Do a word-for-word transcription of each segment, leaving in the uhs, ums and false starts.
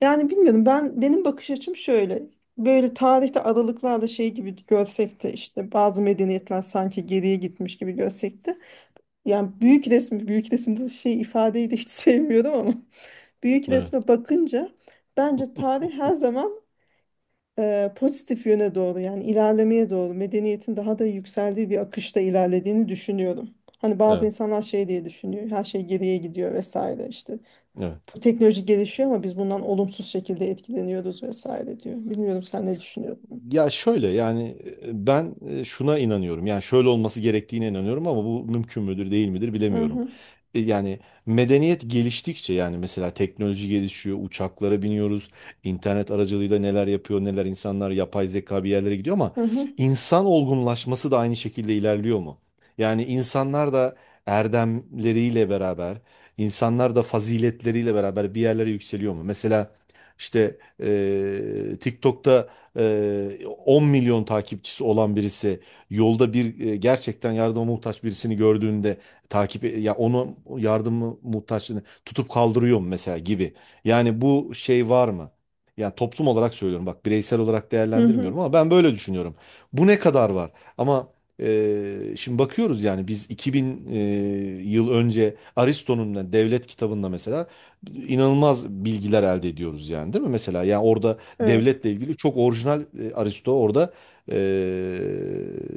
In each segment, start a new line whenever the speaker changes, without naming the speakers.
Yani bilmiyorum, ben benim bakış açım şöyle böyle tarihte aralıklarla şey gibi görsek de işte bazı medeniyetler sanki geriye gitmiş gibi görsek de yani büyük resmi büyük resim bu şey ifadeyi de hiç sevmiyorum ama büyük
Evet.
resme bakınca bence tarih her zaman e, pozitif yöne doğru yani ilerlemeye doğru medeniyetin daha da yükseldiği bir akışta ilerlediğini düşünüyorum. Hani bazı
Evet.
insanlar şey diye düşünüyor, her şey geriye gidiyor vesaire, işte
Evet.
bu teknoloji gelişiyor ama biz bundan olumsuz şekilde etkileniyoruz vesaire diyor. Bilmiyorum sen ne düşünüyorsun?
Ya şöyle yani e, ben e, şuna inanıyorum. Yani şöyle olması gerektiğine inanıyorum ama bu mümkün müdür değil midir
Hı
bilemiyorum.
hı,
E, Yani medeniyet geliştikçe yani mesela teknoloji gelişiyor, uçaklara biniyoruz, internet aracılığıyla neler yapıyor, neler insanlar yapay zeka bir yerlere gidiyor ama
hı hı,
insan olgunlaşması da aynı şekilde ilerliyor mu? Yani insanlar da erdemleriyle beraber, insanlar da faziletleriyle beraber bir yerlere yükseliyor mu? Mesela işte e, TikTok'ta e, 10 milyon takipçisi olan birisi yolda bir e, gerçekten yardıma muhtaç birisini gördüğünde takip ya onu yardımı muhtaçlığını tutup kaldırıyor mu mesela gibi. Yani bu şey var mı? Yani toplum olarak söylüyorum bak bireysel olarak
hı hı.
değerlendirmiyorum ama ben böyle düşünüyorum. Bu ne kadar var? Ama e, şimdi bakıyoruz yani biz iki bin e, yıl önce Aristo'nun da devlet kitabında mesela inanılmaz bilgiler elde ediyoruz yani değil mi? Mesela yani orada
Evet.
devletle ilgili çok orijinal e, Aristo orada e,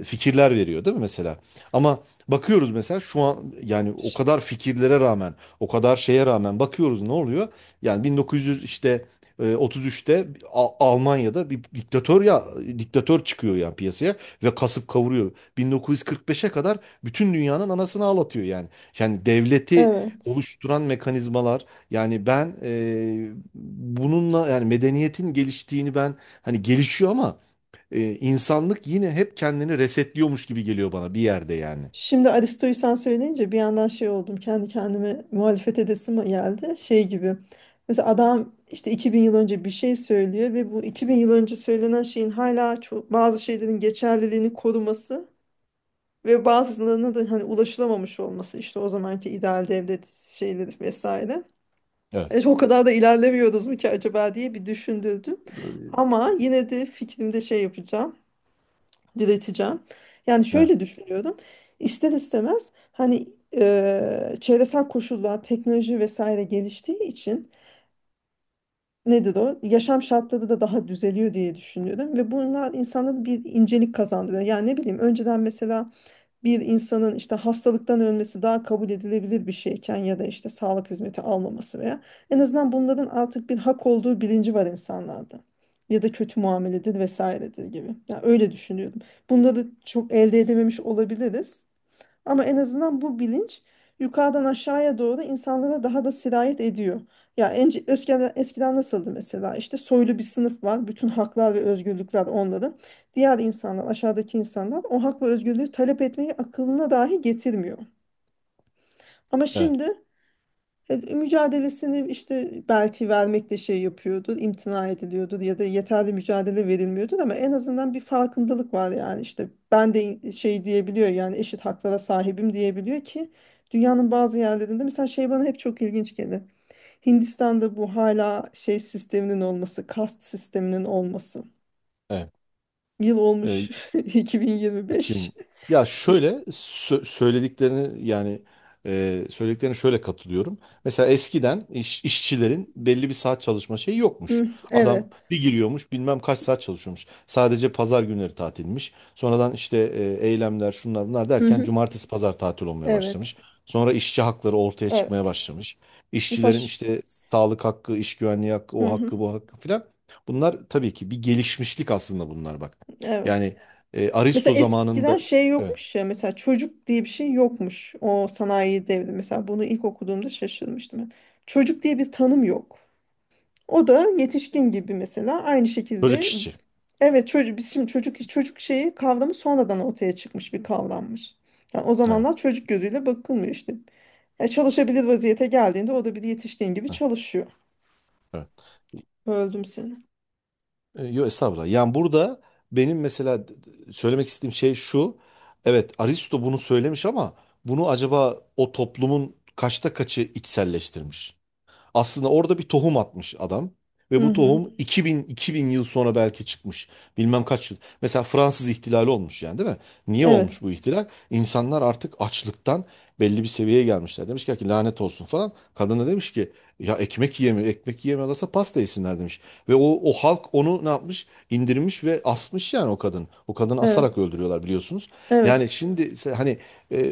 fikirler veriyor değil mi mesela? Ama bakıyoruz mesela şu an yani o
Ş-
kadar fikirlere rağmen, o kadar şeye rağmen bakıyoruz ne oluyor? Yani bin dokuz yüz işte e, otuz üçte A- Almanya'da bir diktatör ya diktatör çıkıyor yani piyasaya ve kasıp kavuruyor. bin dokuz yüz kırk beşe kadar bütün dünyanın anasını ağlatıyor yani. Yani devleti
Evet.
oluşturan mekanizmalar, yani ben e, bununla yani medeniyetin geliştiğini ben hani gelişiyor ama e, insanlık yine hep kendini resetliyormuş gibi geliyor bana bir yerde yani.
Şimdi Aristo'yu sen söyleyince bir yandan şey oldum. Kendi kendime muhalefet edesim geldi. Şey gibi. Mesela adam işte iki bin yıl önce bir şey söylüyor ve bu iki bin yıl önce söylenen şeyin hala çok, bazı şeylerin geçerliliğini koruması ve bazılarına da hani ulaşılamamış olması, işte o zamanki ideal devlet şeyleri vesaire.
Evet.
E, o kadar da ilerlemiyoruz mu ki acaba diye bir düşündürdüm. Ama yine de fikrimde şey yapacağım, direteceğim. Yani
Evet.
şöyle düşünüyorum. İster istemez hani e, çevresel koşullar, teknoloji vesaire geliştiği için, nedir o? Yaşam şartları da daha düzeliyor diye düşünüyorum. Ve bunlar insanlara bir incelik kazandırıyor. Yani ne bileyim, önceden mesela bir insanın işte hastalıktan ölmesi daha kabul edilebilir bir şeyken ya da işte sağlık hizmeti almaması veya, en azından bunların artık bir hak olduğu bilinci var insanlarda. Ya da kötü muameledir vesairedir gibi. Yani öyle düşünüyorum. Bunları çok elde edememiş olabiliriz. Ama en azından bu bilinç yukarıdan aşağıya doğru insanlara daha da sirayet ediyor. Ya ence- eskiden, eskiden nasıldı mesela? İşte soylu bir sınıf var. Bütün haklar ve özgürlükler onların. Diğer insanlar, aşağıdaki insanlar o hak ve özgürlüğü talep etmeyi akılına dahi getirmiyor. Ama
Evet.
şimdi e, mücadelesini işte belki vermekte şey yapıyordur, imtina ediliyordur ya da yeterli mücadele verilmiyordur ama en azından bir farkındalık var, yani işte ben de in- şey diyebiliyor, yani eşit haklara sahibim diyebiliyor ki dünyanın bazı yerlerinde mesela şey bana hep çok ilginç gelir. Hindistan'da bu hala şey sisteminin olması, kast sisteminin olması.
Evet.
Yıl olmuş
E,
iki bin yirmi beş.
iki bin. Ya şöyle sö- söylediklerini yani e, söylediklerine şöyle katılıyorum. Mesela eskiden iş- işçilerin belli bir saat çalışma şeyi yokmuş.
Hı,
Adam
evet.
bir giriyormuş bilmem kaç saat çalışıyormuş. Sadece pazar günleri tatilmiş. Sonradan işte e, eylemler şunlar bunlar
Hı
derken
hı,
cumartesi pazar tatil olmaya
evet.
başlamış. Sonra işçi hakları ortaya çıkmaya
Evet.
başlamış. İşçilerin
Mesaj.
işte sağlık hakkı, iş güvenliği hakkı,
Hı
o
hı,
hakkı, bu hakkı filan. Bunlar tabii ki bir gelişmişlik aslında bunlar bak.
evet.
Yani e, Aristo
Mesela eskiden
zamanında
şey
evet
yokmuş ya, mesela çocuk diye bir şey yokmuş o sanayi devri. Mesela bunu ilk okuduğumda şaşırmıştım ben. Çocuk diye bir tanım yok. O da yetişkin gibi mesela aynı
böcek
şekilde,
işçi.
evet çocuk, biz şimdi çocuk çocuk şeyi, kavramı, sonradan ortaya çıkmış bir kavrammış. Yani o
Evet.
zamanlar çocuk gözüyle bakılmıyor işte. Ya çalışabilir vaziyete geldiğinde o da bir yetişkin gibi
Ha,
çalışıyor.
evet.
Öldüm seni.
E, Yo estağfurullah. Yani burada benim mesela d- d- söylemek istediğim şey şu. Evet Aristo bunu söylemiş ama bunu acaba o toplumun kaçta kaçı içselleştirmiş? Aslında orada bir tohum atmış adam. Ve
Hı
bu
hı.
tohum iki bin, iki bin yıl sonra belki çıkmış. Bilmem kaç yıl. Mesela Fransız ihtilali olmuş yani değil mi? Niye
Evet.
olmuş bu ihtilal? İnsanlar artık açlıktan belli bir seviyeye gelmişler. Demiş ki lanet olsun falan. Kadın da demiş ki ya ekmek yiyemiyor. Ekmek yiyemiyorlarsa pasta yesinler demiş. Ve o, o halk onu ne yapmış? İndirmiş ve asmış yani o kadın. O kadını
Evet.
asarak öldürüyorlar biliyorsunuz.
Evet.
Yani şimdi se- hani e,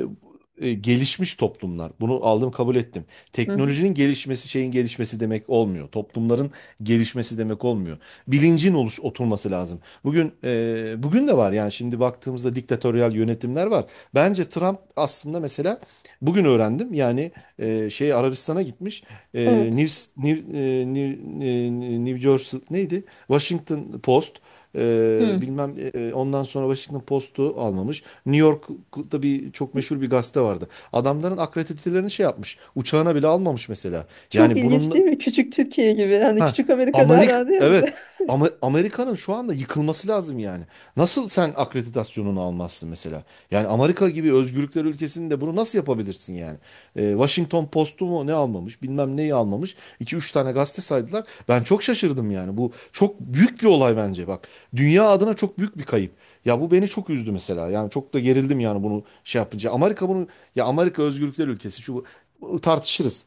e, gelişmiş toplumlar. Bunu aldım kabul ettim.
Hı hı.
Teknolojinin gelişmesi şeyin gelişmesi demek olmuyor. Toplumların gelişmesi demek olmuyor. Bilincin oluş oturması lazım. Bugün e, bugün de var yani şimdi baktığımızda diktatöryal yönetimler var. Bence Trump aslında mesela bugün öğrendim yani e, şey Arabistan'a gitmiş. E,
Evet.
News- New, e, New, e, New Jersey neydi? Washington Post ee,
Hı.
bilmem e, e, ondan sonra Washington Post'u almamış. New York'ta bir çok meşhur bir gazete vardı. Adamların akreditelerini şey yapmış. Uçağına bile almamış mesela.
Çok
Yani
ilginç değil
bunun.
mi? Küçük Türkiye gibi. Hani
Ha,
küçük Amerika daha
Amerik
derdi ya bize.
evet. Ama Amerika'nın şu anda yıkılması lazım yani. Nasıl sen akreditasyonunu almazsın mesela? Yani Amerika gibi özgürlükler ülkesinde bunu nasıl yapabilirsin yani? Ee, Washington Post'u mu ne almamış, bilmem neyi almamış. İki üç tane gazete saydılar. Ben çok şaşırdım yani. Bu çok büyük bir olay bence bak. Dünya adına çok büyük bir kayıp. Ya bu beni çok üzdü mesela. Yani çok da gerildim yani bunu şey yapınca. Amerika bunu ya Amerika özgürlükler ülkesi şu bu tartışırız.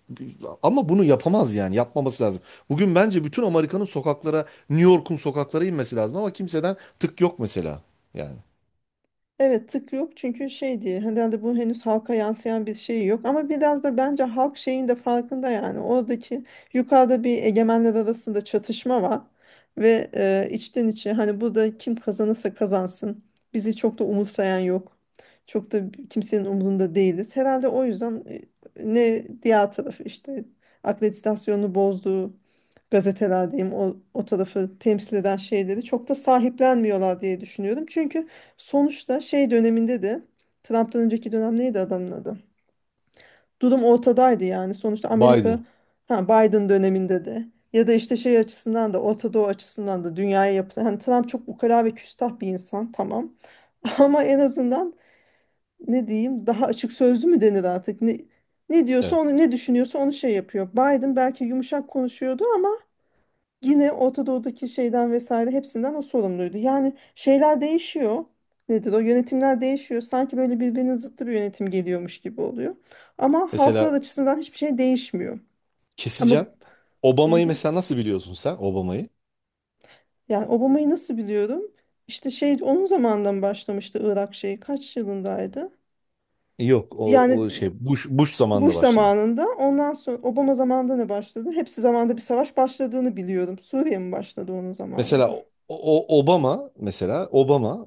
Ama bunu yapamaz yani. Yapmaması lazım. Bugün bence bütün Amerika'nın sokaklara, New York'un sokaklara inmesi lazım ama kimseden tık yok mesela. Yani
Evet, tık yok çünkü şey diye herhalde bu henüz halka yansıyan bir şey yok ama biraz da bence halk şeyin de farkında, yani oradaki yukarıda bir egemenler arasında çatışma var ve e, içten içe hani burada kim kazanırsa kazansın bizi çok da umursayan yok, çok da kimsenin umurunda değiliz herhalde, o yüzden e, ne diğer tarafı işte akreditasyonunu bozduğu gazeteler diyeyim, o, o tarafı temsil eden şeyleri çok da sahiplenmiyorlar diye düşünüyorum çünkü sonuçta şey döneminde de, Trump'tan önceki dönem neydi adamın adı? Durum ortadaydı yani. Sonuçta Amerika,
Biden.
ha, Biden döneminde de ya da işte şey açısından da, Orta Doğu açısından da dünyaya yapılan. Hani Trump çok ukala ve küstah bir insan, tamam. Ama en azından, ne diyeyim, daha açık sözlü mü denir artık? Ne, ne diyorsa
Evet.
onu, ne düşünüyorsa onu şey yapıyor. Biden belki yumuşak konuşuyordu ama. Yine Orta Doğu'daki şeyden vesaire, hepsinden o sorumluydu. Yani şeyler değişiyor. Nedir o? Yönetimler değişiyor. Sanki böyle birbirinin zıttı bir yönetim geliyormuş gibi oluyor. Ama halklar
Mesela
açısından hiçbir şey değişmiyor. Ama
keseceğim.
hı
Obama'yı
hı,
mesela nasıl biliyorsun sen Obama'yı?
yani Obama'yı nasıl biliyorum? İşte şey, onun zamanından başlamıştı Irak şeyi. Kaç yılındaydı?
Yok o,
Yani
o şey Bush, Bush zamanında
Bush
başladı.
zamanında, ondan sonra Obama zamanında ne başladı? Hepsi zamanında bir savaş başladığını biliyorum. Suriye mi başladı onun
Mesela
zamanında?
o, o- Obama mesela Obama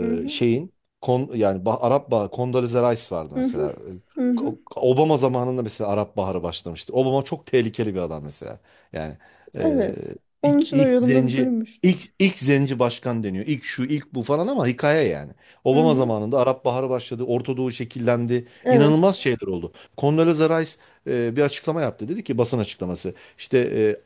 Hı hı.
şeyin kon, yani Ba- Arap Baharı Condoleezza Rice vardı
Hı hı.
mesela.
Hı hı.
O- Obama zamanında mesela Arap Baharı başlamıştı. Obama çok tehlikeli bir adam mesela. Yani eee,
Evet. Onun
ilk,
için o
ilk
yorumda da
zenci
duymuştum.
ilk, ilk zenci başkan deniyor. İlk şu ilk bu falan ama hikaye yani.
Hı
Obama
hı.
zamanında Arap Baharı başladı. Orta Doğu şekillendi.
Evet.
İnanılmaz şeyler oldu. Condoleezza Rice eee, bir açıklama yaptı. Dedi ki basın açıklaması. İşte eee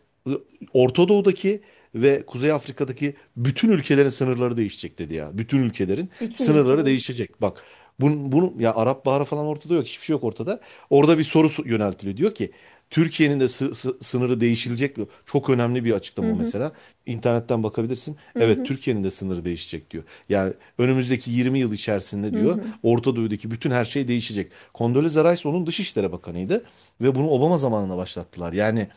Orta Doğu'daki ve Kuzey Afrika'daki bütün ülkelerin sınırları değişecek dedi ya. Bütün ülkelerin
Bütün
sınırları
ülkelerin.
değişecek. Bak bunun, bunun ya Arap Baharı falan ortada yok. Hiçbir şey yok ortada. Orada bir soru su- yöneltiliyor. Diyor ki Türkiye'nin de sı- sı- sınırı değişilecek mi? Çok önemli bir
Hı
açıklama o
hı.
mesela. İnternetten bakabilirsin.
Hı
Evet
hı.
Türkiye'nin de sınırı değişecek diyor. Yani önümüzdeki yirmi yıl içerisinde
Hı
diyor
hı.
Orta Doğu'daki bütün her şey değişecek. Condoleezza Rice onun Dışişleri Bakanıydı ve bunu Obama zamanında başlattılar. Yani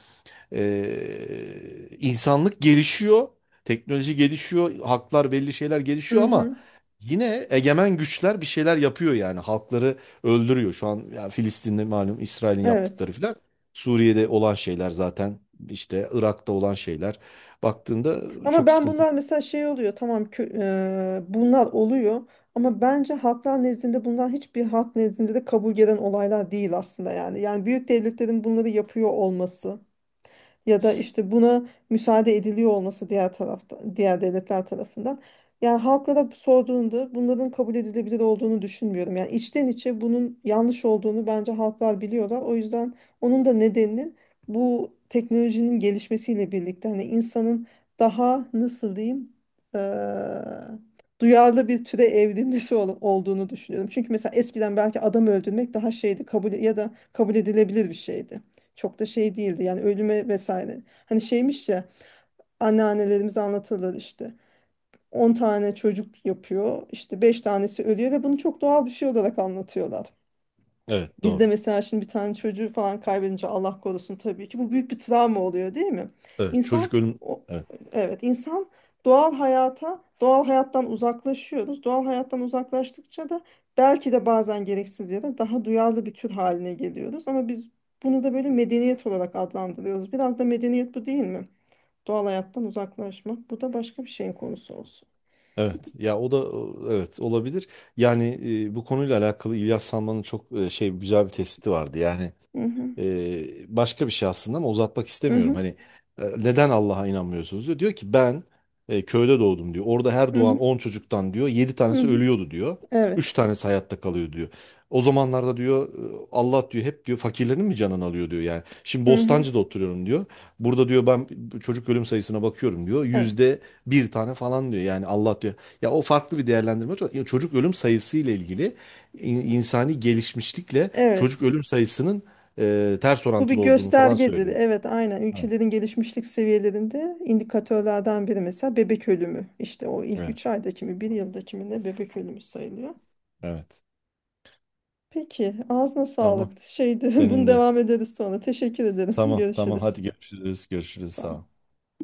ee, insanlık gelişiyor, teknoloji gelişiyor, haklar belli şeyler
Hı
gelişiyor ama
hı.
yine egemen güçler bir şeyler yapıyor yani halkları öldürüyor. Şu an yani Filistin'de malum İsrail'in
Evet.
yaptıkları filan. Suriye'de olan şeyler zaten işte Irak'ta olan şeyler baktığında
Ama
çok
ben
sıkıntı.
bunlar mesela şey oluyor. Tamam, kö- eee, bunlar oluyor. Ama bence halklar nezdinde bunlar, hiçbir halk nezdinde de kabul gelen olaylar değil aslında yani. Yani büyük devletlerin bunları yapıyor olması ya da işte buna müsaade ediliyor olması diğer tarafta, diğer devletler tarafından. Yani halklara sorduğunda bunların kabul edilebilir olduğunu düşünmüyorum. Yani içten içe bunun yanlış olduğunu bence halklar biliyorlar. O yüzden onun da nedeninin bu teknolojinin gelişmesiyle birlikte hani insanın daha, nasıl diyeyim, eee, duyarlı bir türe evrilmesi ol- olduğunu düşünüyorum. Çünkü mesela eskiden belki adam öldürmek daha şeydi, kabul, ya da kabul edilebilir bir şeydi. Çok da şey değildi yani, ölüme vesaire. Hani şeymiş ya, anneannelerimiz anlatırlar işte. On tane çocuk yapıyor, işte beş tanesi ölüyor ve bunu çok doğal bir şey olarak anlatıyorlar.
Evet
Bizde
doğru.
mesela şimdi bir tane çocuğu falan kaybedince, Allah korusun, tabii ki bu büyük bir travma oluyor değil mi?
Evet
İnsan,
çocuk ölüm.
o,
Evet,
evet, insan doğal hayata, doğal hayattan uzaklaşıyoruz. Doğal hayattan uzaklaştıkça da belki de bazen gereksiz yere daha duyarlı bir tür haline geliyoruz, ama biz bunu da böyle medeniyet olarak adlandırıyoruz. Biraz da medeniyet bu değil mi? Doğal hayattan uzaklaşmak. Bu da başka bir şeyin konusu olsun.
evet. Ya o da evet olabilir. Yani e, bu konuyla alakalı İlyas Salman'ın çok e, şey güzel bir tespiti vardı. Yani
Hı hı.
Ee, başka bir şey aslında ama uzatmak
Hı
istemiyorum.
hı.
Hani e, neden Allah'a inanmıyorsunuz diyor. Diyor ki ben e, köyde doğdum diyor. Orada her
Hı
doğan
hı.
on çocuktan diyor yedi
Hı
tanesi
hı.
ölüyordu diyor. Üç
Evet.
tanesi hayatta kalıyor diyor. O zamanlarda diyor e, Allah diyor hep diyor fakirlerin mi canını alıyor diyor yani. Şimdi
Hı hı.
Bostancı'da oturuyorum diyor. Burada diyor ben çocuk ölüm sayısına bakıyorum diyor.
Evet.
Yüzde bir tane falan diyor. Yani Allah diyor. Ya o farklı bir değerlendirme. Çocuk ölüm sayısı ile ilgili in- insani gelişmişlikle çocuk
Evet.
ölüm sayısının e, ters
Bu bir
orantılı olduğunu falan
göstergedir.
söylüyordu.
Evet, aynen.
Evet,
Ülkelerin gelişmişlik seviyelerinde indikatörlerden biri mesela bebek ölümü. İşte o ilk
evet,
üç aydaki mi, bir yıldaki mi ne, bebek ölümü sayılıyor.
evet.
Peki, ağzına
Tamam.
sağlık. Şeydi, bunu
Senin de.
devam ederiz sonra. Teşekkür ederim.
Tamam, tamam.
Görüşürüz.
Hadi görüşürüz, görüşürüz.
Sağ
Sağ
ol.
ol.